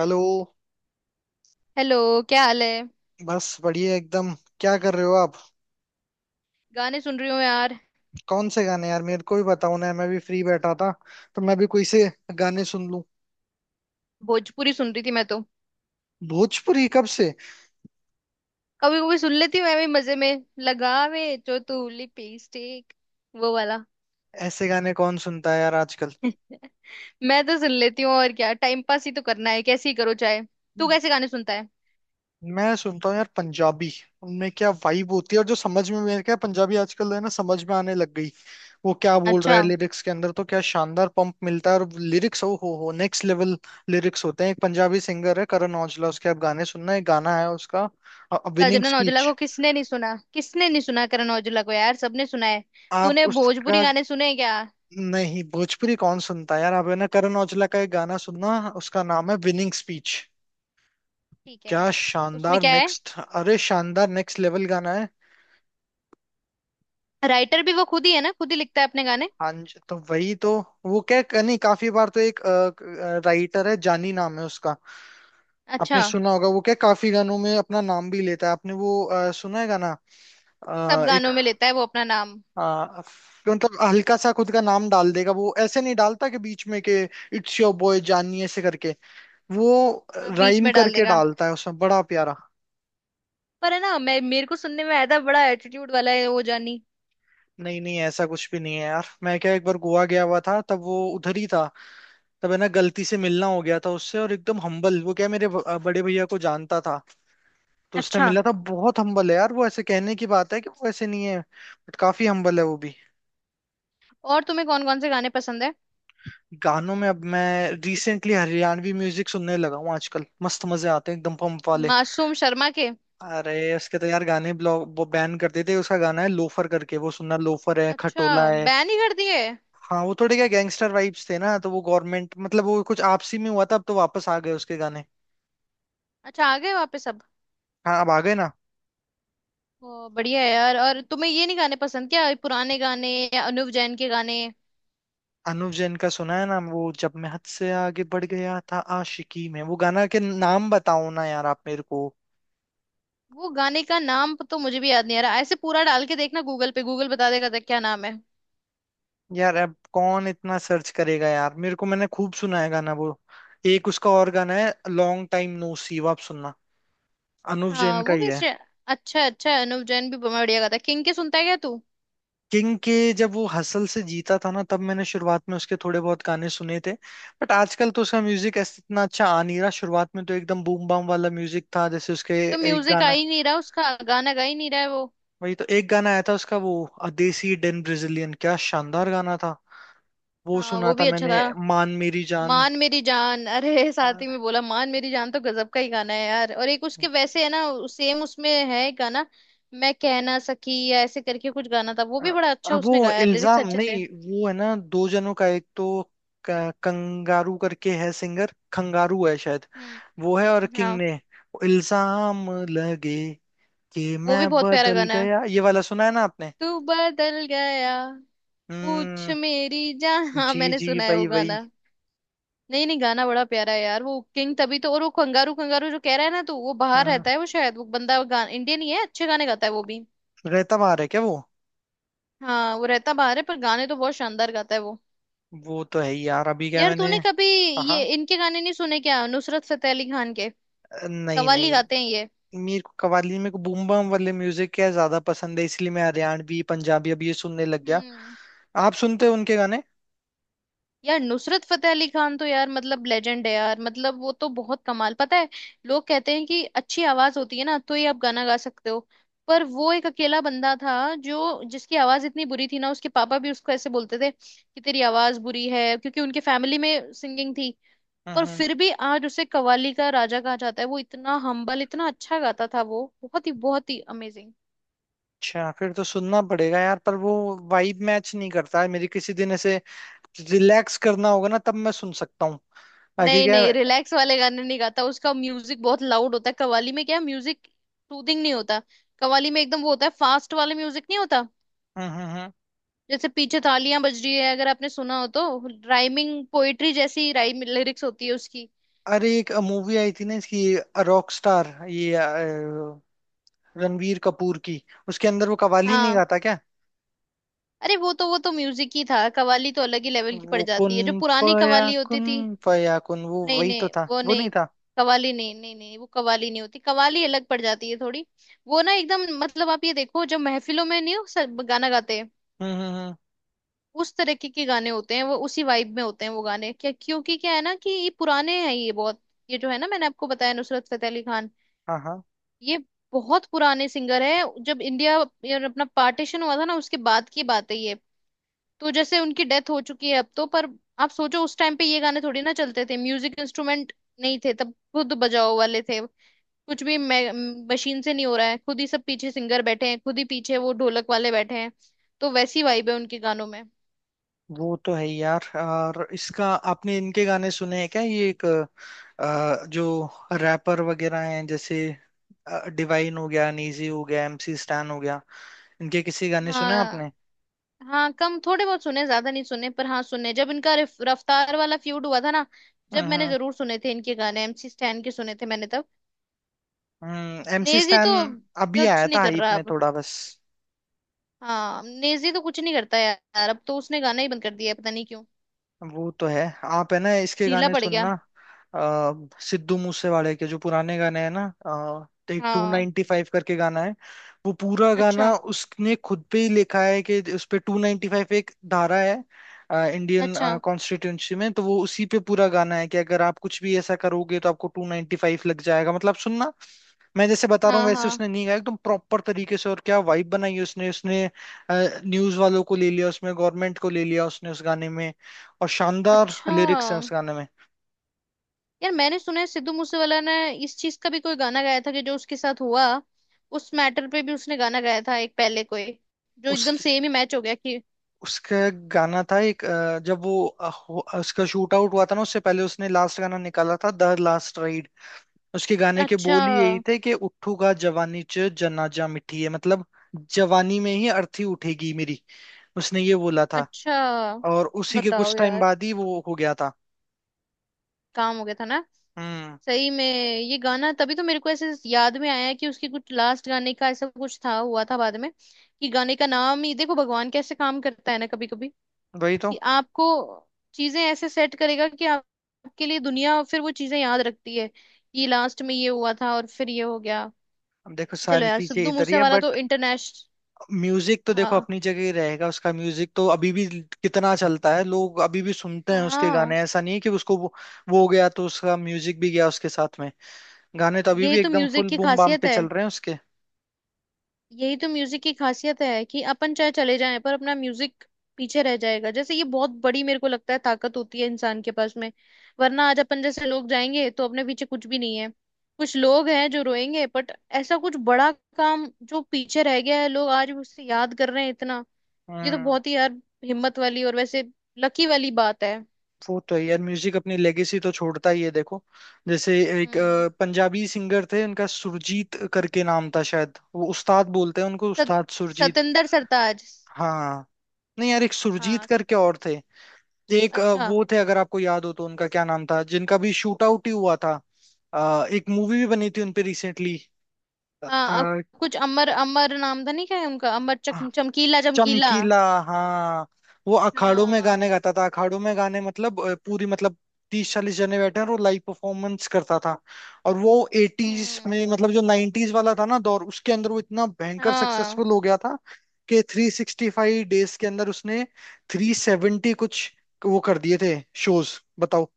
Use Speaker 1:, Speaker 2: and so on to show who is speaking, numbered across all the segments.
Speaker 1: Hello.
Speaker 2: Hello. क्या हाल है?
Speaker 1: बस बढ़िया एकदम। क्या कर रहे हो आप?
Speaker 2: गाने सुन रही हूँ यार।
Speaker 1: कौन से गाने यार, मेरे को भी बताओ ना, मैं भी फ्री बैठा था तो मैं भी कोई से गाने सुन लूं।
Speaker 2: भोजपुरी सुन रही थी मैं तो।
Speaker 1: भोजपुरी कब से?
Speaker 2: कभी कभी सुन लेती हूँ मैं भी, मजे में लगावे जो तू लिपी स्टिक, वो वाला।
Speaker 1: ऐसे गाने कौन सुनता है यार आजकल?
Speaker 2: मैं तो सुन लेती हूँ, और क्या, टाइम पास ही तो करना है, कैसे ही करो चाहे। तू कैसे गाने सुनता है?
Speaker 1: मैं सुनता हूँ यार पंजाबी। उनमें क्या वाइब होती है, और जो समझ में, मेरे क्या पंजाबी आजकल है ना समझ में आने लग गई। वो क्या बोल रहा
Speaker 2: अच्छा।
Speaker 1: है लिरिक्स के अंदर, तो क्या शानदार पंप मिलता है, और लिरिक्स ओ हो नेक्स्ट लेवल लिरिक्स होते हैं। एक पंजाबी सिंगर है करण औजला, उसके आप गाने सुनना। एक गाना है उसका, विनिंग
Speaker 2: करण औजला
Speaker 1: स्पीच।
Speaker 2: को किसने नहीं सुना, किसने नहीं सुना करण औजला को यार, सबने सुना है।
Speaker 1: आप
Speaker 2: तूने भोजपुरी
Speaker 1: उसका।
Speaker 2: गाने सुने हैं क्या?
Speaker 1: नहीं, भोजपुरी कौन सुनता है यार। आप है ना करण औजला का एक गाना सुनना, उसका नाम है विनिंग स्पीच।
Speaker 2: ठीक है।
Speaker 1: क्या
Speaker 2: उसमें
Speaker 1: शानदार
Speaker 2: क्या है?
Speaker 1: नेक्स्ट, अरे शानदार नेक्स्ट लेवल गाना है।
Speaker 2: राइटर भी वो खुद ही है ना, खुद ही लिखता है अपने गाने।
Speaker 1: हाँ जी, तो वही तो। वो क्या नहीं, काफी बार तो एक राइटर है, जानी नाम है उसका।
Speaker 2: अच्छा।
Speaker 1: आपने सुना होगा। वो क्या काफी गानों में अपना नाम भी लेता है। आपने वो सुना है गाना?
Speaker 2: सब
Speaker 1: अ, एक
Speaker 2: गानों में लेता है वो अपना नाम।
Speaker 1: अ, मतलब हल्का सा खुद का नाम डाल देगा। वो ऐसे नहीं डालता कि बीच में के इट्स योर बॉय जानी ऐसे करके। वो
Speaker 2: हाँ बीच
Speaker 1: राइम
Speaker 2: में डाल
Speaker 1: करके
Speaker 2: देगा।
Speaker 1: डालता है, उसमें बड़ा प्यारा।
Speaker 2: पर है ना, मैं, मेरे को सुनने में आया था, बड़ा एटीट्यूड वाला है वो जानी।
Speaker 1: नहीं नहीं, ऐसा कुछ भी नहीं है यार। मैं क्या एक बार गोवा गया हुआ था, तब वो उधर ही था। तब है ना गलती से मिलना हो गया था उससे, और एकदम हम्बल। वो क्या मेरे बड़े भैया को जानता था, तो उसने
Speaker 2: अच्छा।
Speaker 1: मिला था। बहुत हम्बल है यार वो। ऐसे कहने की बात है कि वो ऐसे नहीं है, बट काफी हम्बल है वो भी।
Speaker 2: और तुम्हें कौन कौन से गाने पसंद है?
Speaker 1: गानों में अब मैं रिसेंटली हरियाणवी म्यूजिक सुनने लगा हूँ आजकल, मस्त मजे आते हैं एकदम पंप वाले।
Speaker 2: मासूम शर्मा के?
Speaker 1: अरे उसके तो यार गाने ब्लॉक, वो बैन कर देते। उसका गाना है लोफर करके, वो सुनना। लोफर है,
Speaker 2: अच्छा,
Speaker 1: खटोला है।
Speaker 2: बैन ही कर दिए।
Speaker 1: हाँ वो थोड़े क्या गैंगस्टर वाइब्स थे ना, तो वो गवर्नमेंट, मतलब वो कुछ आपसी में हुआ था। अब तो वापस आ गए उसके गाने।
Speaker 2: अच्छा, आ गए वापस अब।
Speaker 1: हाँ अब आ गए ना।
Speaker 2: ओ बढ़िया है यार। और तुम्हें ये नहीं गाने पसंद क्या, पुराने गाने, या अनुव जैन के गाने?
Speaker 1: अनुव जैन का सुना है ना, वो जब मैं हद से आगे बढ़ गया था आशिकी में, वो गाना के नाम बताओ ना यार आप मेरे को।
Speaker 2: वो गाने का नाम तो मुझे भी याद नहीं आ रहा। ऐसे पूरा डाल के देखना गूगल पे, गूगल बता देगा था क्या नाम है।
Speaker 1: यार अब कौन इतना सर्च करेगा यार, मेरे को मैंने खूब सुना है गाना वो। एक उसका और गाना है लॉन्ग टाइम नो सी, वो आप सुनना, अनुव
Speaker 2: हाँ
Speaker 1: जैन का
Speaker 2: वो
Speaker 1: ही
Speaker 2: भी
Speaker 1: है।
Speaker 2: अच्छा अच्छा, अनुव जैन भी बढ़िया गाता है। किंग के सुनता है क्या तू?
Speaker 1: किंग के। जब वो हसल से जीता था ना, तब मैंने शुरुआत में उसके थोड़े बहुत गाने सुने थे। बट आजकल तो उसका म्यूजिक ऐसे इतना अच्छा आ नहीं रहा। शुरुआत में तो एकदम बूम बाम वाला म्यूजिक था जैसे उसके।
Speaker 2: तो
Speaker 1: एक
Speaker 2: म्यूजिक आ
Speaker 1: गाना,
Speaker 2: ही नहीं रहा उसका, गाना गा ही नहीं रहा है वो।
Speaker 1: वही तो एक गाना आया था उसका, वो अदेसी डेन ब्रेजिलियन, क्या शानदार गाना था। वो
Speaker 2: हाँ
Speaker 1: सुना
Speaker 2: वो
Speaker 1: था
Speaker 2: भी अच्छा
Speaker 1: मैंने।
Speaker 2: था।
Speaker 1: मान मेरी जान।
Speaker 2: मान मेरी जान। अरे साथ ही में बोला मान मेरी जान, तो गजब का ही गाना है यार। और एक उसके वैसे है ना सेम उसमें है एक गाना, मैं कह ना सकी या ऐसे करके कुछ गाना था, वो भी बड़ा अच्छा
Speaker 1: अब
Speaker 2: उसने
Speaker 1: वो
Speaker 2: गाया, लिरिक्स
Speaker 1: इल्जाम
Speaker 2: अच्छे थे।
Speaker 1: नहीं, वो है ना दो जनों का, एक तो कंगारू करके है सिंगर, खंगारू है शायद।
Speaker 2: हम्म।
Speaker 1: वो है, और किंग
Speaker 2: हाँ
Speaker 1: ने इल्जाम लगे कि
Speaker 2: वो
Speaker 1: मैं
Speaker 2: भी बहुत प्यारा
Speaker 1: बदल
Speaker 2: गाना है,
Speaker 1: गया, ये वाला सुना है ना आपने।
Speaker 2: तू बदल गया, पूछ
Speaker 1: हम्म।
Speaker 2: मेरी जान हाँ
Speaker 1: जी
Speaker 2: मैंने
Speaker 1: जी,
Speaker 2: सुना है
Speaker 1: वही
Speaker 2: वो
Speaker 1: वही।
Speaker 2: गाना। नहीं नहीं, गाना बड़ा प्यारा है यार वो, किंग तभी तो। और वो कंगारू कंगारू जो कह रहा है ना, तो वो बाहर
Speaker 1: हम्म।
Speaker 2: रहता है वो, शायद वो बंदा गान इंडियन ही है, अच्छे गाने गाता है वो भी।
Speaker 1: रहता बाहर है क्या वो?
Speaker 2: हाँ वो रहता बाहर है, पर गाने तो बहुत शानदार गाता है वो।
Speaker 1: वो तो है ही यार। अभी क्या
Speaker 2: यार
Speaker 1: मैंने
Speaker 2: तूने कभी
Speaker 1: हाँ
Speaker 2: ये
Speaker 1: हाँ।
Speaker 2: इनके गाने नहीं सुने क्या, नुसरत फतेह अली खान के?
Speaker 1: नहीं नहीं,
Speaker 2: कव्वाली गाते हैं ये।
Speaker 1: मेरे को कव्वाली, मेरे को बूम बम वाले म्यूजिक क्या ज्यादा पसंद है, इसलिए मैं हरियाणवी पंजाबी अब ये सुनने लग गया।
Speaker 2: हम्म।
Speaker 1: आप सुनते हो उनके गाने?
Speaker 2: यार नुसरत फतेह अली खान तो यार मतलब लेजेंड है यार, मतलब वो तो बहुत कमाल, पता है लोग कहते हैं कि अच्छी आवाज होती है ना तो ही आप गाना गा सकते हो। पर वो एक अकेला बंदा था जो, जिसकी आवाज इतनी बुरी थी ना, उसके पापा भी उसको ऐसे बोलते थे कि तेरी आवाज बुरी है, क्योंकि उनके फैमिली में सिंगिंग थी। पर
Speaker 1: हम्म।
Speaker 2: फिर भी आज उसे कव्वाली का राजा कहा जाता है, वो इतना हम्बल, इतना अच्छा गाता था वो, बहुत ही अमेजिंग।
Speaker 1: अच्छा, फिर तो सुनना पड़ेगा यार। पर वो वाइब मैच नहीं करता है मेरी, किसी दिन ऐसे रिलैक्स करना होगा ना तब मैं सुन सकता हूँ। बाकी
Speaker 2: नहीं
Speaker 1: क्या
Speaker 2: नहीं, रिलैक्स वाले गाने नहीं गाता, उसका म्यूजिक बहुत लाउड होता है। कव्वाली में क्या म्यूजिक सूदिंग नहीं होता, कव्वाली में एकदम वो होता है फास्ट वाला, म्यूजिक नहीं होता।
Speaker 1: हम्म, हम्म,
Speaker 2: जैसे पीछे थालियां बज रही है, अगर आपने सुना हो तो। राइमिंग पोएट्री जैसी राइम लिरिक्स होती है उसकी।
Speaker 1: अरे एक मूवी आई थी ना इसकी, रॉक स्टार, ये रणवीर कपूर की। उसके अंदर वो कवाली नहीं
Speaker 2: हाँ।
Speaker 1: गाता क्या?
Speaker 2: अरे वो तो म्यूजिक ही था, कव्वाली तो अलग ही लेवल की पड़
Speaker 1: वो कुन
Speaker 2: जाती है, जो पुरानी
Speaker 1: फया
Speaker 2: कव्वाली होती
Speaker 1: कुन,
Speaker 2: थी।
Speaker 1: फया कुन, वो
Speaker 2: नहीं
Speaker 1: वही तो
Speaker 2: नहीं
Speaker 1: था,
Speaker 2: वो
Speaker 1: वो नहीं
Speaker 2: नहीं,
Speaker 1: था?
Speaker 2: कव्वाली नहीं, नहीं नहीं वो कव्वाली नहीं होती, कव्वाली अलग पड़ जाती है थोड़ी। वो ना एकदम मतलब, आप ये देखो जो महफिलों में नहीं हो, सब गाना गाते,
Speaker 1: हम्म, हम्म,
Speaker 2: उस तरीके के गाने होते हैं वो, उसी वाइब में होते हैं वो गाने, क्या, क्योंकि क्या है ना, कि ये पुराने हैं ये बहुत। ये जो है ना, मैंने आपको बताया, नुसरत फतेह अली खान
Speaker 1: हाँ हाँ।
Speaker 2: ये बहुत पुराने सिंगर है। जब इंडिया, ये अपना पार्टीशन हुआ था ना, उसके बाद की बात है ये। तो जैसे उनकी डेथ हो चुकी है अब तो, पर आप सोचो उस टाइम पे ये गाने थोड़ी ना चलते थे, म्यूजिक इंस्ट्रूमेंट नहीं थे तब, खुद बजाओ वाले थे कुछ भी, मशीन से नहीं हो रहा है, खुद ही सब पीछे सिंगर बैठे हैं, खुद ही पीछे वो ढोलक वाले बैठे हैं। तो वैसी वाइब है उनके गानों में।
Speaker 1: वो तो है ही यार। और इसका आपने इनके गाने सुने हैं क्या, ये एक जो रैपर वगैरह हैं, जैसे डिवाइन हो गया, नीजी हो गया, एमसी स्टैन हो गया, इनके किसी गाने सुने
Speaker 2: हाँ
Speaker 1: आपने?
Speaker 2: हाँ कम, थोड़े बहुत सुने, ज्यादा नहीं सुने, पर हाँ सुने, जब इनका रफ्तार वाला फ्यूड हुआ था ना, जब, मैंने
Speaker 1: हम्म।
Speaker 2: जरूर सुने थे इनके गाने, एमसी स्टैन के सुने थे मैंने तब।
Speaker 1: हम्म। एमसी
Speaker 2: नेजी
Speaker 1: स्टैन
Speaker 2: तो
Speaker 1: अभी
Speaker 2: कुछ
Speaker 1: आया था
Speaker 2: नहीं कर
Speaker 1: हाइप
Speaker 2: रहा
Speaker 1: में
Speaker 2: अब।
Speaker 1: थोड़ा बस।
Speaker 2: हाँ नेजी तो कुछ नहीं करता यार अब तो, उसने गाना ही बंद कर दिया है, पता नहीं क्यों।
Speaker 1: वो तो है। आप है ना इसके
Speaker 2: ढीला
Speaker 1: गाने
Speaker 2: पड़
Speaker 1: सुनना,
Speaker 2: गया।
Speaker 1: आ, सिद्धू मूसेवाले के जो पुराने गाने हैं ना, एक टू
Speaker 2: हाँ।
Speaker 1: नाइनटी फाइव करके गाना है। वो पूरा
Speaker 2: अच्छा।
Speaker 1: गाना उसने खुद पे ही लिखा है, कि उस पे 295 एक धारा है इंडियन
Speaker 2: अच्छा।
Speaker 1: कॉन्स्टिट्यूंसी में। तो वो उसी पे पूरा गाना है कि अगर आप कुछ भी ऐसा करोगे तो आपको 295 लग जाएगा मतलब, सुनना। मैं जैसे बता रहा हूँ
Speaker 2: हाँ।
Speaker 1: वैसे
Speaker 2: हाँ।
Speaker 1: उसने नहीं गाया, एकदम प्रॉपर तरीके से, और क्या वाइब बनाई है उसने उसने न्यूज वालों को ले लिया, उसमें गवर्नमेंट को ले लिया उसने उस गाने में। और शानदार
Speaker 2: अच्छा।
Speaker 1: लिरिक्स हैं उस गाने में।
Speaker 2: यार मैंने सुना है सिद्धू मूसेवाला ने इस चीज का भी कोई गाना गाया था, कि जो उसके साथ हुआ, उस मैटर पे भी उसने गाना गाया था एक पहले, कोई जो
Speaker 1: उस
Speaker 2: एकदम सेम ही मैच हो गया कि।
Speaker 1: उसका गाना था एक, जब वो उसका शूट आउट हुआ था ना, उससे पहले उसने लास्ट गाना निकाला था, द लास्ट राइड। उसके गाने के
Speaker 2: अच्छा।
Speaker 1: बोल ही यही थे कि उठूगा जवानी च जनाजा मिठी है, मतलब जवानी में ही अर्थी उठेगी मेरी। उसने ये बोला था।
Speaker 2: अच्छा।
Speaker 1: और उसी के
Speaker 2: बताओ
Speaker 1: कुछ टाइम
Speaker 2: यार,
Speaker 1: बाद ही वो हो गया था।
Speaker 2: काम हो गया था ना।
Speaker 1: हम्म।
Speaker 2: सही में ये गाना, तभी तो मेरे को ऐसे याद में आया कि उसके कुछ लास्ट गाने का ऐसा कुछ था, हुआ था बाद में, कि गाने का नाम ही। देखो भगवान कैसे काम करता है ना, कभी कभी
Speaker 1: वही तो।
Speaker 2: कि आपको चीजें ऐसे सेट करेगा कि आपके लिए दुनिया फिर वो चीजें याद रखती है, कि लास्ट में ये हुआ था और फिर ये हो गया।
Speaker 1: अब देखो
Speaker 2: चलो
Speaker 1: सारी
Speaker 2: यार
Speaker 1: चीजें
Speaker 2: सिद्धू
Speaker 1: इधर ही है,
Speaker 2: मूसेवाला तो
Speaker 1: बट
Speaker 2: इंटरनेशनल।
Speaker 1: म्यूजिक तो देखो
Speaker 2: हाँ।
Speaker 1: अपनी जगह ही रहेगा। उसका म्यूजिक तो अभी भी कितना चलता है, लोग अभी भी सुनते हैं उसके
Speaker 2: हाँ।
Speaker 1: गाने। ऐसा नहीं है कि उसको वो हो गया तो उसका म्यूजिक भी गया उसके साथ में। गाने तो अभी
Speaker 2: यही
Speaker 1: भी
Speaker 2: तो
Speaker 1: एकदम
Speaker 2: म्यूजिक
Speaker 1: फुल
Speaker 2: की
Speaker 1: बूम बाम
Speaker 2: खासियत
Speaker 1: पे
Speaker 2: है।
Speaker 1: चल रहे हैं उसके।
Speaker 2: यही तो म्यूजिक की खासियत है कि अपन चाहे चले जाएं, पर अपना म्यूजिक पीछे रह जाएगा। जैसे ये बहुत बड़ी मेरे को लगता है ताकत होती है इंसान के पास में, वरना आज अपन जैसे लोग जाएंगे तो अपने पीछे कुछ भी नहीं है। कुछ लोग हैं जो रोएंगे बट, ऐसा कुछ बड़ा काम जो पीछे रह गया है, लोग आज भी उससे याद कर रहे हैं, इतना। ये तो
Speaker 1: हम्म।
Speaker 2: बहुत ही यार हिम्मत वाली और वैसे लकी वाली बात है।
Speaker 1: वो तो है यार, म्यूजिक अपनी लेगेसी तो छोड़ता ही है। देखो जैसे एक
Speaker 2: हम्म।
Speaker 1: पंजाबी सिंगर थे, उनका सुरजीत करके नाम था शायद। वो उस्ताद बोलते हैं उनको,
Speaker 2: सत,
Speaker 1: उस्ताद सुरजीत।
Speaker 2: सतेंद्र सरताज।
Speaker 1: हाँ। नहीं यार, एक सुरजीत
Speaker 2: हाँ।
Speaker 1: करके और थे। एक
Speaker 2: अच्छा।
Speaker 1: वो थे, अगर आपको याद हो तो, उनका क्या नाम था, जिनका भी शूट आउट ही हुआ था, एक मूवी भी बनी थी उनपे रिसेंटली।
Speaker 2: हाँ। अब कुछ अमर, अमर नाम था नहीं, क्या है उनका, अमर चमकीला, चमकीला।
Speaker 1: चमकीला। हाँ वो अखाड़ों में
Speaker 2: हाँ।
Speaker 1: गाने गाता था। अखाड़ों में गाने मतलब पूरी मतलब 30-40 जने बैठे हैं, और वो लाइव परफॉर्मेंस करता था। और वो एटीज
Speaker 2: हम्म।
Speaker 1: में, मतलब जो नाइन्टीज वाला था ना दौर, उसके अंदर वो इतना भयंकर
Speaker 2: हाँ।
Speaker 1: सक्सेसफुल हो गया था कि 365 days के अंदर उसने 370 कुछ वो कर दिए थे शोज, बताओ।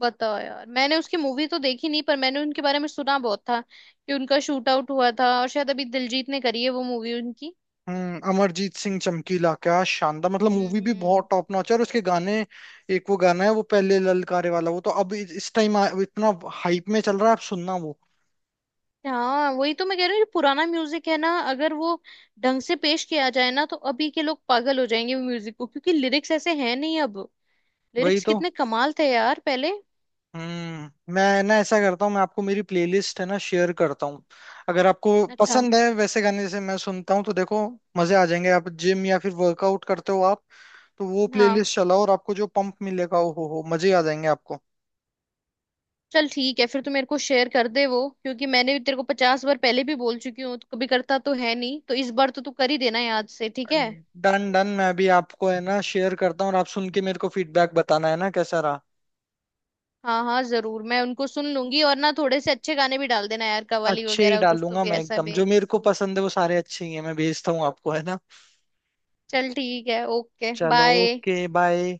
Speaker 2: बताओ यार, मैंने उसकी मूवी तो देखी नहीं, पर मैंने उनके बारे में सुना बहुत था, कि उनका शूट आउट हुआ था, और शायद अभी दिलजीत ने करी है वो मूवी उनकी।
Speaker 1: हम्म। अमरजीत सिंह चमकीला, क्या शानदार, मतलब मूवी भी बहुत
Speaker 2: हम्म।
Speaker 1: टॉप नॉच है, और उसके गाने। एक वो गाना है, वो पहले ललकारे वाला, वो तो अब इस टाइम इतना हाइप में चल रहा है, आप सुनना वो।
Speaker 2: हाँ वही तो मैं कह रही हूँ, जो पुराना म्यूजिक है ना, अगर वो ढंग से पेश किया जाए ना, तो अभी के लोग पागल हो जाएंगे वो म्यूजिक को, क्योंकि लिरिक्स ऐसे हैं नहीं अब।
Speaker 1: वही
Speaker 2: लिरिक्स
Speaker 1: तो।
Speaker 2: कितने कमाल थे यार पहले।
Speaker 1: हम्म। मैं ना ऐसा करता हूँ, मैं आपको मेरी प्लेलिस्ट है ना शेयर करता हूँ। अगर आपको
Speaker 2: अच्छा।
Speaker 1: पसंद है वैसे गाने जैसे मैं सुनता हूँ, तो देखो मजे आ जाएंगे। आप जिम या फिर वर्कआउट करते हो आप, तो वो
Speaker 2: हाँ।
Speaker 1: प्लेलिस्ट चलाओ और आपको जो पंप मिलेगा, ओ हो मजे आ जाएंगे आपको।
Speaker 2: चल ठीक है, फिर तू मेरे को शेयर कर दे वो, क्योंकि मैंने भी तेरे को 50 बार पहले भी बोल चुकी हूँ, तो कभी करता तो है नहीं, तो इस बार तो तू कर ही देना याद से, ठीक है?
Speaker 1: डन डन, मैं अभी आपको है ना शेयर करता हूँ, और आप सुन के मेरे को फीडबैक बताना है ना कैसा रहा।
Speaker 2: हाँ हाँ जरूर मैं उनको सुन लूंगी, और ना थोड़े से अच्छे गाने भी डाल देना यार, कवाली
Speaker 1: अच्छे ही
Speaker 2: वगैरह कुछ तो
Speaker 1: डालूंगा
Speaker 2: भी
Speaker 1: मैं,
Speaker 2: ऐसा
Speaker 1: एकदम
Speaker 2: भी।
Speaker 1: जो मेरे को पसंद है वो सारे अच्छे ही हैं। मैं भेजता हूँ आपको है ना।
Speaker 2: चल ठीक है, ओके
Speaker 1: चलो,
Speaker 2: बाय।
Speaker 1: Okay bye.